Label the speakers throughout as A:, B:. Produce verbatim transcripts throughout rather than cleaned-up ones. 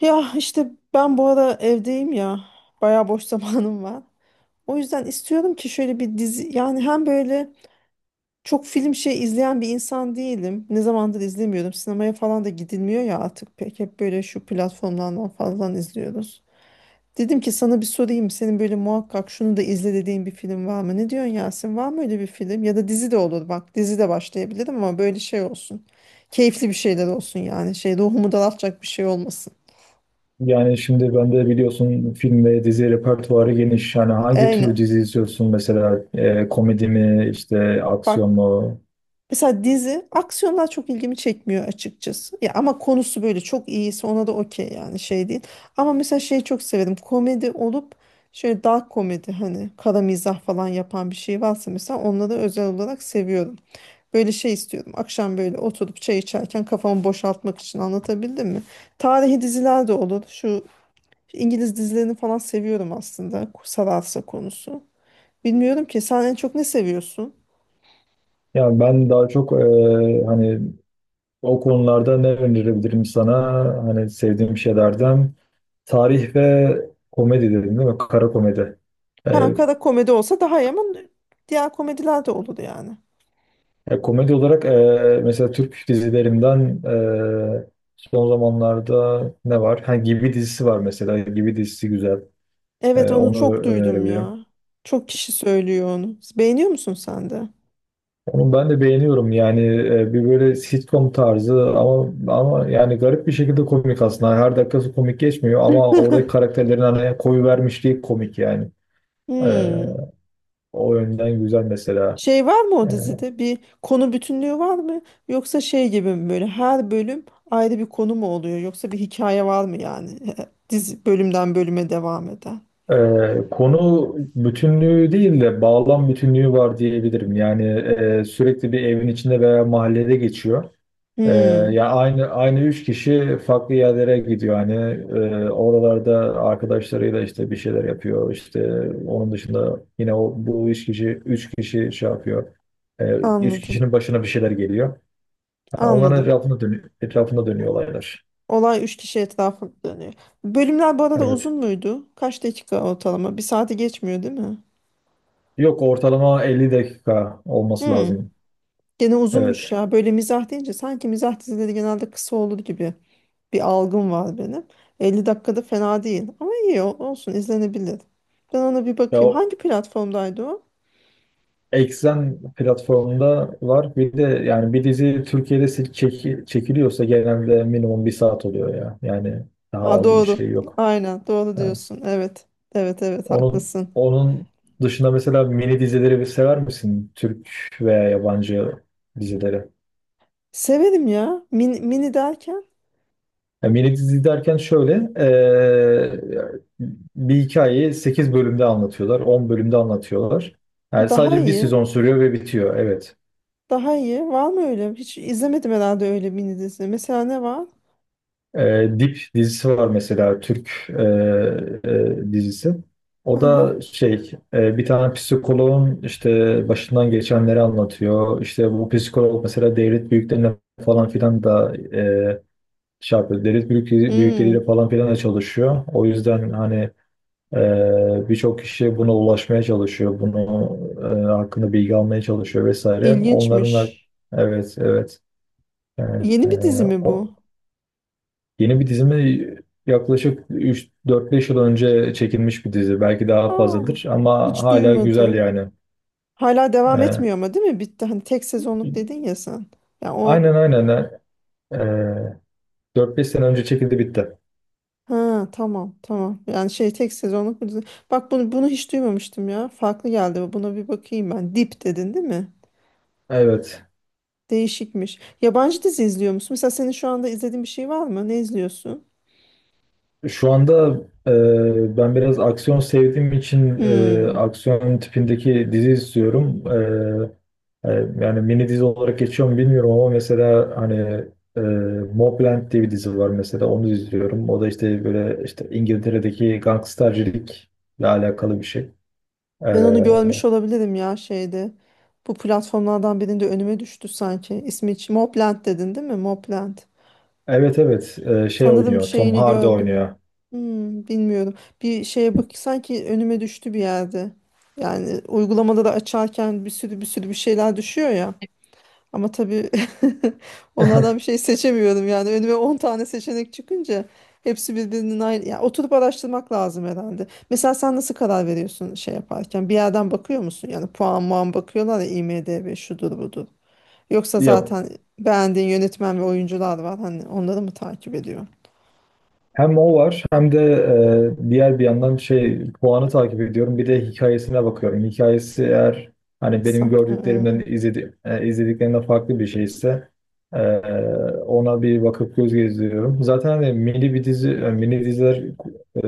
A: Ya işte ben bu ara evdeyim ya. Bayağı boş zamanım var. O yüzden istiyorum ki şöyle bir dizi yani hem böyle çok film şey izleyen bir insan değilim. Ne zamandır izlemiyorum. Sinemaya falan da gidilmiyor ya artık pek. Hep böyle şu platformlardan falan izliyoruz. Dedim ki sana bir sorayım. Senin böyle muhakkak şunu da izle dediğin bir film var mı? Ne diyorsun Yasin? Var mı öyle bir film? Ya da dizi de olur bak. Dizi de başlayabilirim ama böyle şey olsun. Keyifli bir şeyler olsun yani. Şey ruhumu daraltacak bir şey olmasın.
B: Yani şimdi ben de biliyorsun, film ve dizi repertuarı geniş. Yani hangi tür
A: Aynen.
B: dizi izliyorsun mesela, E, komedi mi, işte aksiyon
A: Bak,
B: mu?
A: mesela dizi aksiyonlar çok ilgimi çekmiyor açıkçası. Ya ama konusu böyle çok iyiyse ona da okey yani şey değil. Ama mesela şeyi çok severim. Komedi olup şöyle dark komedi hani kara mizah falan yapan bir şey varsa mesela onları özel olarak seviyorum. Böyle şey istiyorum. Akşam böyle oturup çay içerken kafamı boşaltmak için anlatabildim mi? Tarihi diziler de olur. Şu İngiliz dizilerini falan seviyorum aslında. Sararsa konusu. Bilmiyorum ki sen en çok ne seviyorsun?
B: Yani ben daha çok, e, hani o konularda ne önerebilirim sana? Hani sevdiğim şeylerden, tarih ve komedi dedim değil mi? Kara komedi. E,
A: Ha, kara komedi olsa daha iyi ama diğer komediler de olur yani.
B: e, Komedi olarak e, mesela Türk dizilerinden, e, son zamanlarda ne var? Ha, Gibi dizisi var mesela. Gibi dizisi güzel. E,
A: Evet, onu
B: onu
A: çok duydum
B: önerebilirim.
A: ya. Çok kişi söylüyor onu. Beğeniyor musun sen de?
B: Onu ben de beğeniyorum yani, e, bir böyle sitcom tarzı, ama ama yani garip bir şekilde komik aslında. Her dakikası komik geçmiyor ama oradaki karakterlerin hani koyu vermişliği komik yani. E,
A: Hmm.
B: O yönden güzel mesela.
A: Şey var mı o dizide? Bir konu bütünlüğü var mı? Yoksa şey gibi mi, böyle her bölüm ayrı bir konu mu oluyor? Yoksa bir hikaye var mı yani? Dizi bölümden bölüme devam eden.
B: Ee, konu bütünlüğü değil de bağlam bütünlüğü var diyebilirim. Yani e, sürekli bir evin içinde veya mahallede geçiyor. Ee,
A: Hmm.
B: Ya aynı aynı üç kişi farklı yerlere gidiyor hani. Ee, oralarda arkadaşlarıyla işte bir şeyler yapıyor, işte onun dışında yine o bu üç kişi üç kişi şey yapıyor. Ee, Üç
A: Anladım.
B: kişinin başına bir şeyler geliyor, yani onların
A: Anladım.
B: etrafında dönüyor, etrafında dönüyor olaylar.
A: Olay üç kişi etrafında dönüyor. Bölümler bu arada
B: Evet,
A: uzun muydu? Kaç dakika ortalama? Bir saati geçmiyor değil mi?
B: yok, ortalama elli dakika olması
A: Hmm,
B: lazım.
A: gene uzunmuş
B: Evet
A: ya. Böyle mizah deyince sanki mizah dizileri genelde kısa olur gibi bir algım var benim. elli dakikada fena değil. Ama iyi o- olsun, izlenebilir. Ben ona bir
B: ya,
A: bakayım.
B: o-
A: Hangi platformdaydı o?
B: Exxen platformunda var. Bir de yani bir dizi Türkiye'de se- çeki- çekiliyorsa, genelde minimum bir saat oluyor ya. Yani daha
A: Aa,
B: az bir
A: doğru.
B: şey yok.
A: Aynen doğru
B: Ha.
A: diyorsun. Evet. Evet evet
B: Onun
A: haklısın.
B: onun dışında mesela mini dizileri bir sever misin? Türk veya yabancı dizileri.
A: Severim ya. Mini, mini derken
B: Ya mini dizi derken şöyle, eee, bir hikayeyi sekiz bölümde anlatıyorlar, on bölümde anlatıyorlar. Yani
A: daha
B: sadece bir
A: iyi.
B: sezon sürüyor ve bitiyor. Evet.
A: Daha iyi. Var mı öyle? Hiç izlemedim herhalde öyle mini dizi. Mesela ne var?
B: E, Dip dizisi var mesela, Türk e, e, dizisi.
A: Hı
B: O
A: hı.
B: da şey, e, bir tane psikoloğun işte başından geçenleri anlatıyor. İşte bu psikolog mesela devlet büyüklerine falan filan da e, şey yapıyor. Devlet büyük, büyükleriyle
A: Hmm,
B: falan filan da çalışıyor. O yüzden hani e, birçok kişi buna ulaşmaya çalışıyor. Bunu e, hakkında bilgi almaya çalışıyor vesaire. Onların da
A: ilginçmiş.
B: evet, evet. Yani, e,
A: Yeni bir dizi mi bu?
B: o- Yeni bir dizimi? Yaklaşık üç, dört beş yıl önce çekilmiş bir dizi. Belki daha
A: Aa,
B: fazladır ama
A: hiç
B: hala güzel
A: duymadım.
B: yani.
A: Hala devam
B: Ee,
A: etmiyor ama değil mi? Bitti. Hani tek sezonluk dedin ya sen. Ya o
B: aynen, aynen. Ee, dört beş sene önce çekildi, bitti.
A: ha tamam tamam. Yani şey tek sezonluk bir dizi. Bak bunu bunu hiç duymamıştım ya. Farklı geldi. Buna bir bakayım ben. Dip dedin değil mi?
B: Evet.
A: Değişikmiş. Yabancı dizi izliyor musun? Mesela senin şu anda izlediğin bir şey var mı? Ne izliyorsun?
B: Şu anda e, ben biraz aksiyon sevdiğim için e,
A: Hmm.
B: aksiyon tipindeki dizi istiyorum. E, e, Yani mini dizi olarak geçiyor mu bilmiyorum ama mesela hani, e, Mobland diye bir dizi var mesela, onu izliyorum. O da işte böyle, işte İngiltere'deki gangstercilikle alakalı bir şey. E,
A: Ben onu görmüş olabilirim ya şeyde. Bu platformlardan birinde önüme düştü sanki. İsmi hiç- Mobland dedin değil mi? Mobland.
B: evet, evet, e, şey
A: Sanırım
B: oynuyor, Tom
A: şeyini
B: Hardy
A: gördüm.
B: oynuyor.
A: Hmm, bilmiyorum. Bir şeye bak, sanki önüme düştü bir yerde. Yani uygulamaları açarken bir sürü bir sürü bir şeyler düşüyor ya. Ama tabii onlardan bir şey seçemiyorum yani. Önüme on tane seçenek çıkınca hepsi birbirinin aynı. Ya oturup araştırmak lazım herhalde. Mesela sen nasıl karar veriyorsun şey yaparken? Bir yerden bakıyor musun? Yani puan muan bakıyorlar ya, IMDb şudur budur. Yoksa
B: Ya,
A: zaten beğendiğin yönetmen ve oyuncular var. Hani onları mı takip ediyor?
B: hem o var hem de e, diğer bir yandan şey puanı takip ediyorum. Bir de hikayesine bakıyorum. Hikayesi eğer hani benim
A: Sen-
B: gördüklerimden
A: Hmm.
B: izledi, e, izlediklerimden farklı bir şeyse, e, ona bir bakıp göz gezdiriyorum. Zaten hani mini bir dizi, e, mini diziler e,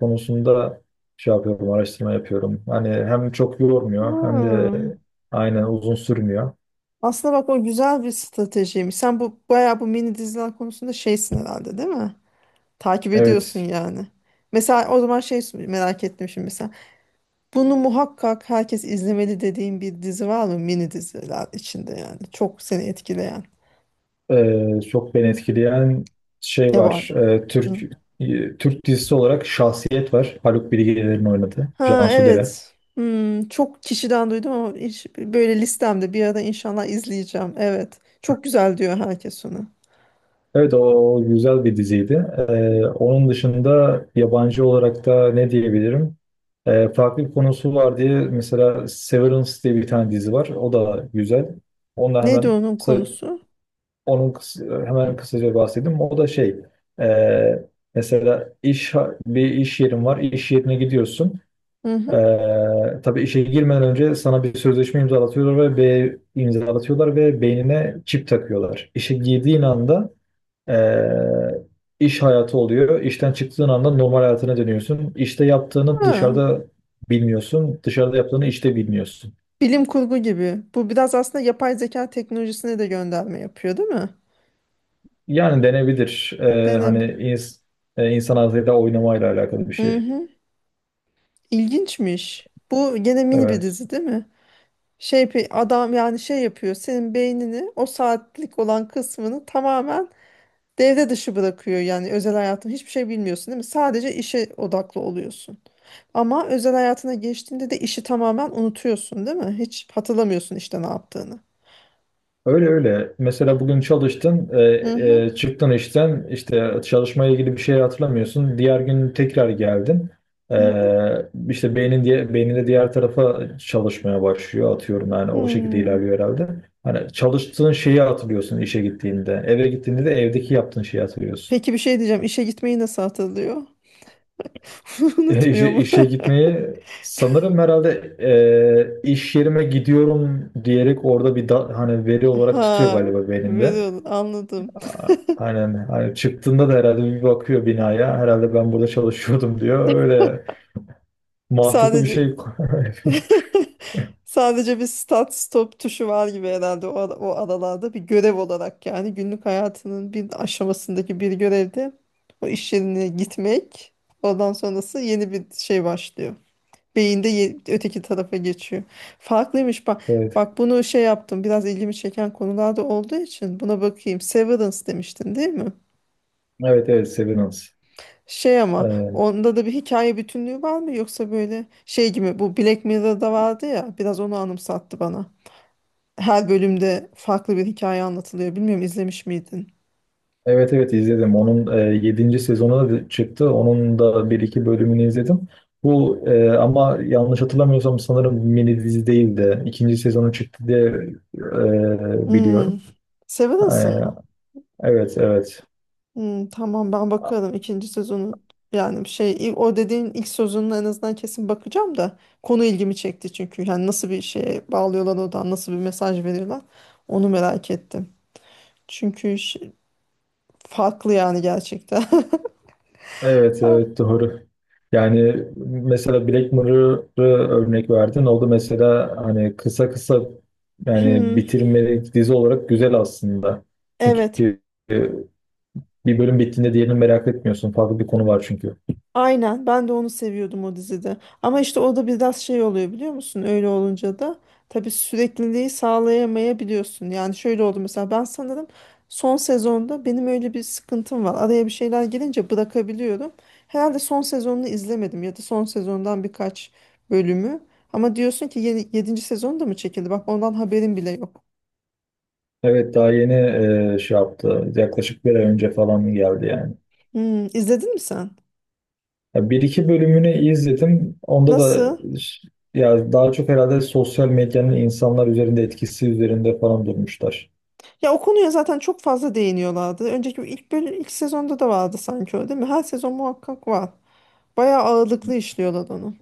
B: konusunda şey yapıyorum, araştırma yapıyorum. Hani hem çok yormuyor hem de
A: Hmm.
B: aynen uzun sürmüyor.
A: Aslında bak, o güzel bir stratejiymiş. Sen bu bayağı bu mini diziler konusunda şeysin herhalde değil mi? Takip ediyorsun
B: Evet.
A: yani. Mesela o zaman şey merak ettim şimdi mesela. Bunu muhakkak herkes izlemeli dediğin bir dizi var mı mini diziler içinde yani? Çok seni etkileyen.
B: Ee, çok beni etkileyen şey var.
A: Yaban.
B: Ee,
A: Hı.
B: Türk e, Türk dizisi olarak Şahsiyet var. Haluk Bilginer'in oynadığı.
A: Ha
B: Cansu Dere.
A: evet. Hmm, çok kişiden duydum ama hiç, böyle listemde bir ara inşallah izleyeceğim. Evet. Çok güzel diyor herkes onu.
B: Evet, o güzel bir diziydi. Ee, onun dışında yabancı olarak da ne diyebilirim? Ee, farklı bir konusu var diye mesela Severance diye bir tane dizi var. O da güzel. Onunla
A: Neydi
B: hemen
A: onun
B: kısa,
A: konusu?
B: onun kısa- hemen kısaca bahsedeyim. O da şey, e, mesela iş bir iş yerin var. İş yerine gidiyorsun.
A: Hı
B: Ee,
A: hı.
B: tabii işe girmeden önce sana bir sözleşme imzalatıyorlar ve B imzalatıyorlar ve beynine çip takıyorlar. İşe girdiğin anda ee, iş hayatı oluyor. İşten çıktığın anda normal hayatına dönüyorsun. İşte yaptığını
A: Ha.
B: dışarıda bilmiyorsun, dışarıda yaptığını işte bilmiyorsun.
A: Bilim kurgu gibi. Bu biraz aslında yapay zeka teknolojisine de gönderme yapıyor, değil mi?
B: Yani denebilir. Ee, hani
A: Dene.
B: ins- e, insan ağzıyla oynamayla alakalı bir
A: Hı
B: şey.
A: hı. İlginçmiş. Bu gene mini bir
B: Evet.
A: dizi, değil mi? Şey pe- adam yani şey yapıyor. Senin beynini o saatlik olan kısmını tamamen devre dışı bırakıyor. Yani özel hayatın hiçbir şey bilmiyorsun, değil mi? Sadece işe odaklı oluyorsun. Ama özel hayatına geçtiğinde de işi tamamen unutuyorsun, değil mi? Hiç hatırlamıyorsun işte ne yaptığını.
B: Öyle, öyle. Mesela bugün çalıştın, e,
A: Hı hı.
B: e, çıktın işten, işte çalışmaya ilgili bir şey hatırlamıyorsun. Diğer gün tekrar geldin. E,
A: Hı hı.
B: işte beynin diye beyninde diğer tarafa çalışmaya başlıyor, atıyorum yani o şekilde
A: Hmm.
B: ilerliyor herhalde. Hani çalıştığın şeyi hatırlıyorsun işe gittiğinde. Eve gittiğinde de evdeki yaptığın şeyi hatırlıyorsun.
A: Peki bir şey diyeceğim. İşe gitmeyi nasıl hatırlıyor?
B: E,
A: Unutmuyor
B: işe,
A: mu?
B: işe gitmeyi sanırım herhalde e, iş yerime gidiyorum diyerek orada bir da- hani veri olarak tutuyor
A: Ha,
B: galiba beyninde.
A: biliyorum, anladım.
B: Aynen. Hani çıktığında da herhalde bir bakıyor binaya. Herhalde ben burada çalışıyordum diyor. Öyle, mantıklı bir
A: Sadece
B: şey.
A: sadece bir start stop tuşu var gibi herhalde. O, ara- o aralarda bir görev olarak, yani günlük hayatının bir aşamasındaki bir görevde o iş yerine gitmek, oradan sonrası yeni bir şey başlıyor. Beyinde ye- öteki tarafa geçiyor. Farklıymış bak.
B: Evet.
A: Bak bunu şey yaptım. Biraz ilgimi çeken konularda olduğu için buna bakayım. Severance demiştin değil mi?
B: Evet, evet, Severance.
A: Şey, ama
B: Ee,
A: onda da bir hikaye bütünlüğü var mı yoksa böyle şey gibi? Bu Black Mirror'da vardı ya, biraz onu anımsattı bana. Her bölümde farklı bir hikaye anlatılıyor. Bilmiyorum, izlemiş miydin?
B: Evet, evet, izledim. Onun e, yedinci sezonu da çıktı. Onun da bir iki bölümünü izledim. Bu e, ama yanlış hatırlamıyorsam sanırım mini dizi değil de ikinci sezonu çıktı diye e,
A: Hmm.
B: biliyorum. E,
A: Severance'ın mı?
B: evet, evet.
A: Hmm, tamam, ben bakarım ikinci sezonu. Yani şey il- o dediğin ilk sezonuna en azından kesin bakacağım da konu ilgimi çekti çünkü. Yani nasıl bir şeye bağlıyorlar, oradan nasıl bir mesaj veriyorlar onu merak ettim. Çünkü şey- Farklı yani gerçekten.
B: Evet, evet, doğru. Yani mesela Black Mirror'ı örnek verdin. O da mesela hani kısa kısa, yani bitirmelik dizi olarak güzel aslında.
A: Evet,
B: Çünkü e, bir bölüm bittiğinde diğerini merak etmiyorsun. Farklı bir konu var çünkü.
A: aynen. Ben de onu seviyordum o dizide. Ama işte o da biraz şey oluyor biliyor musun? Öyle olunca da tabii sürekliliği sağlayamayabiliyorsun. Yani şöyle oldu mesela, ben sanırım son sezonda, benim öyle bir sıkıntım var. Araya bir şeyler gelince bırakabiliyorum. Herhalde son sezonunu izlemedim ya da son sezondan birkaç bölümü. Ama diyorsun ki yeni, yedinci sezon da mı çekildi? Bak ondan haberim bile yok.
B: Evet, daha yeni e, şey yaptı. Yaklaşık bir ay önce falan geldi yani.
A: Hmm, izledin mi sen?
B: Ya, bir iki bölümünü izledim. Onda da
A: Nasıl?
B: ş- ya daha çok herhalde sosyal medyanın insanlar üzerinde etkisi üzerinde falan durmuşlar.
A: Ya o konuya zaten çok fazla değiniyorlardı. Önceki ilk bölüm, ilk sezonda da vardı sanki o değil mi? Her sezon muhakkak var. Bayağı ağırlıklı işliyorlar onu.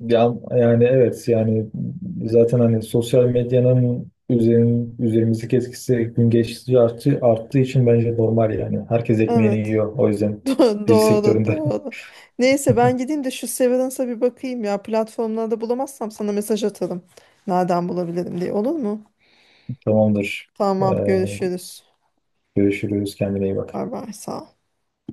B: Ya, yani evet yani, zaten hani sosyal medyanın üzerin, üzerimizdeki etkisi gün geçtikçe arttı, arttığı için bence normal yani. Herkes ekmeğini
A: Evet.
B: yiyor o yüzden
A: Do-
B: dizi
A: Doğru,
B: sektöründe.
A: doğru. Neyse, ben gideyim de şu Severance'a bir bakayım ya. Platformlarda bulamazsam sana mesaj atarım. Nereden bulabilirim diye. Olur mu?
B: Tamamdır. Ee,
A: Tamam, görüşürüz.
B: Görüşürüz. Kendine iyi bak.
A: Bay bay, sağ ol.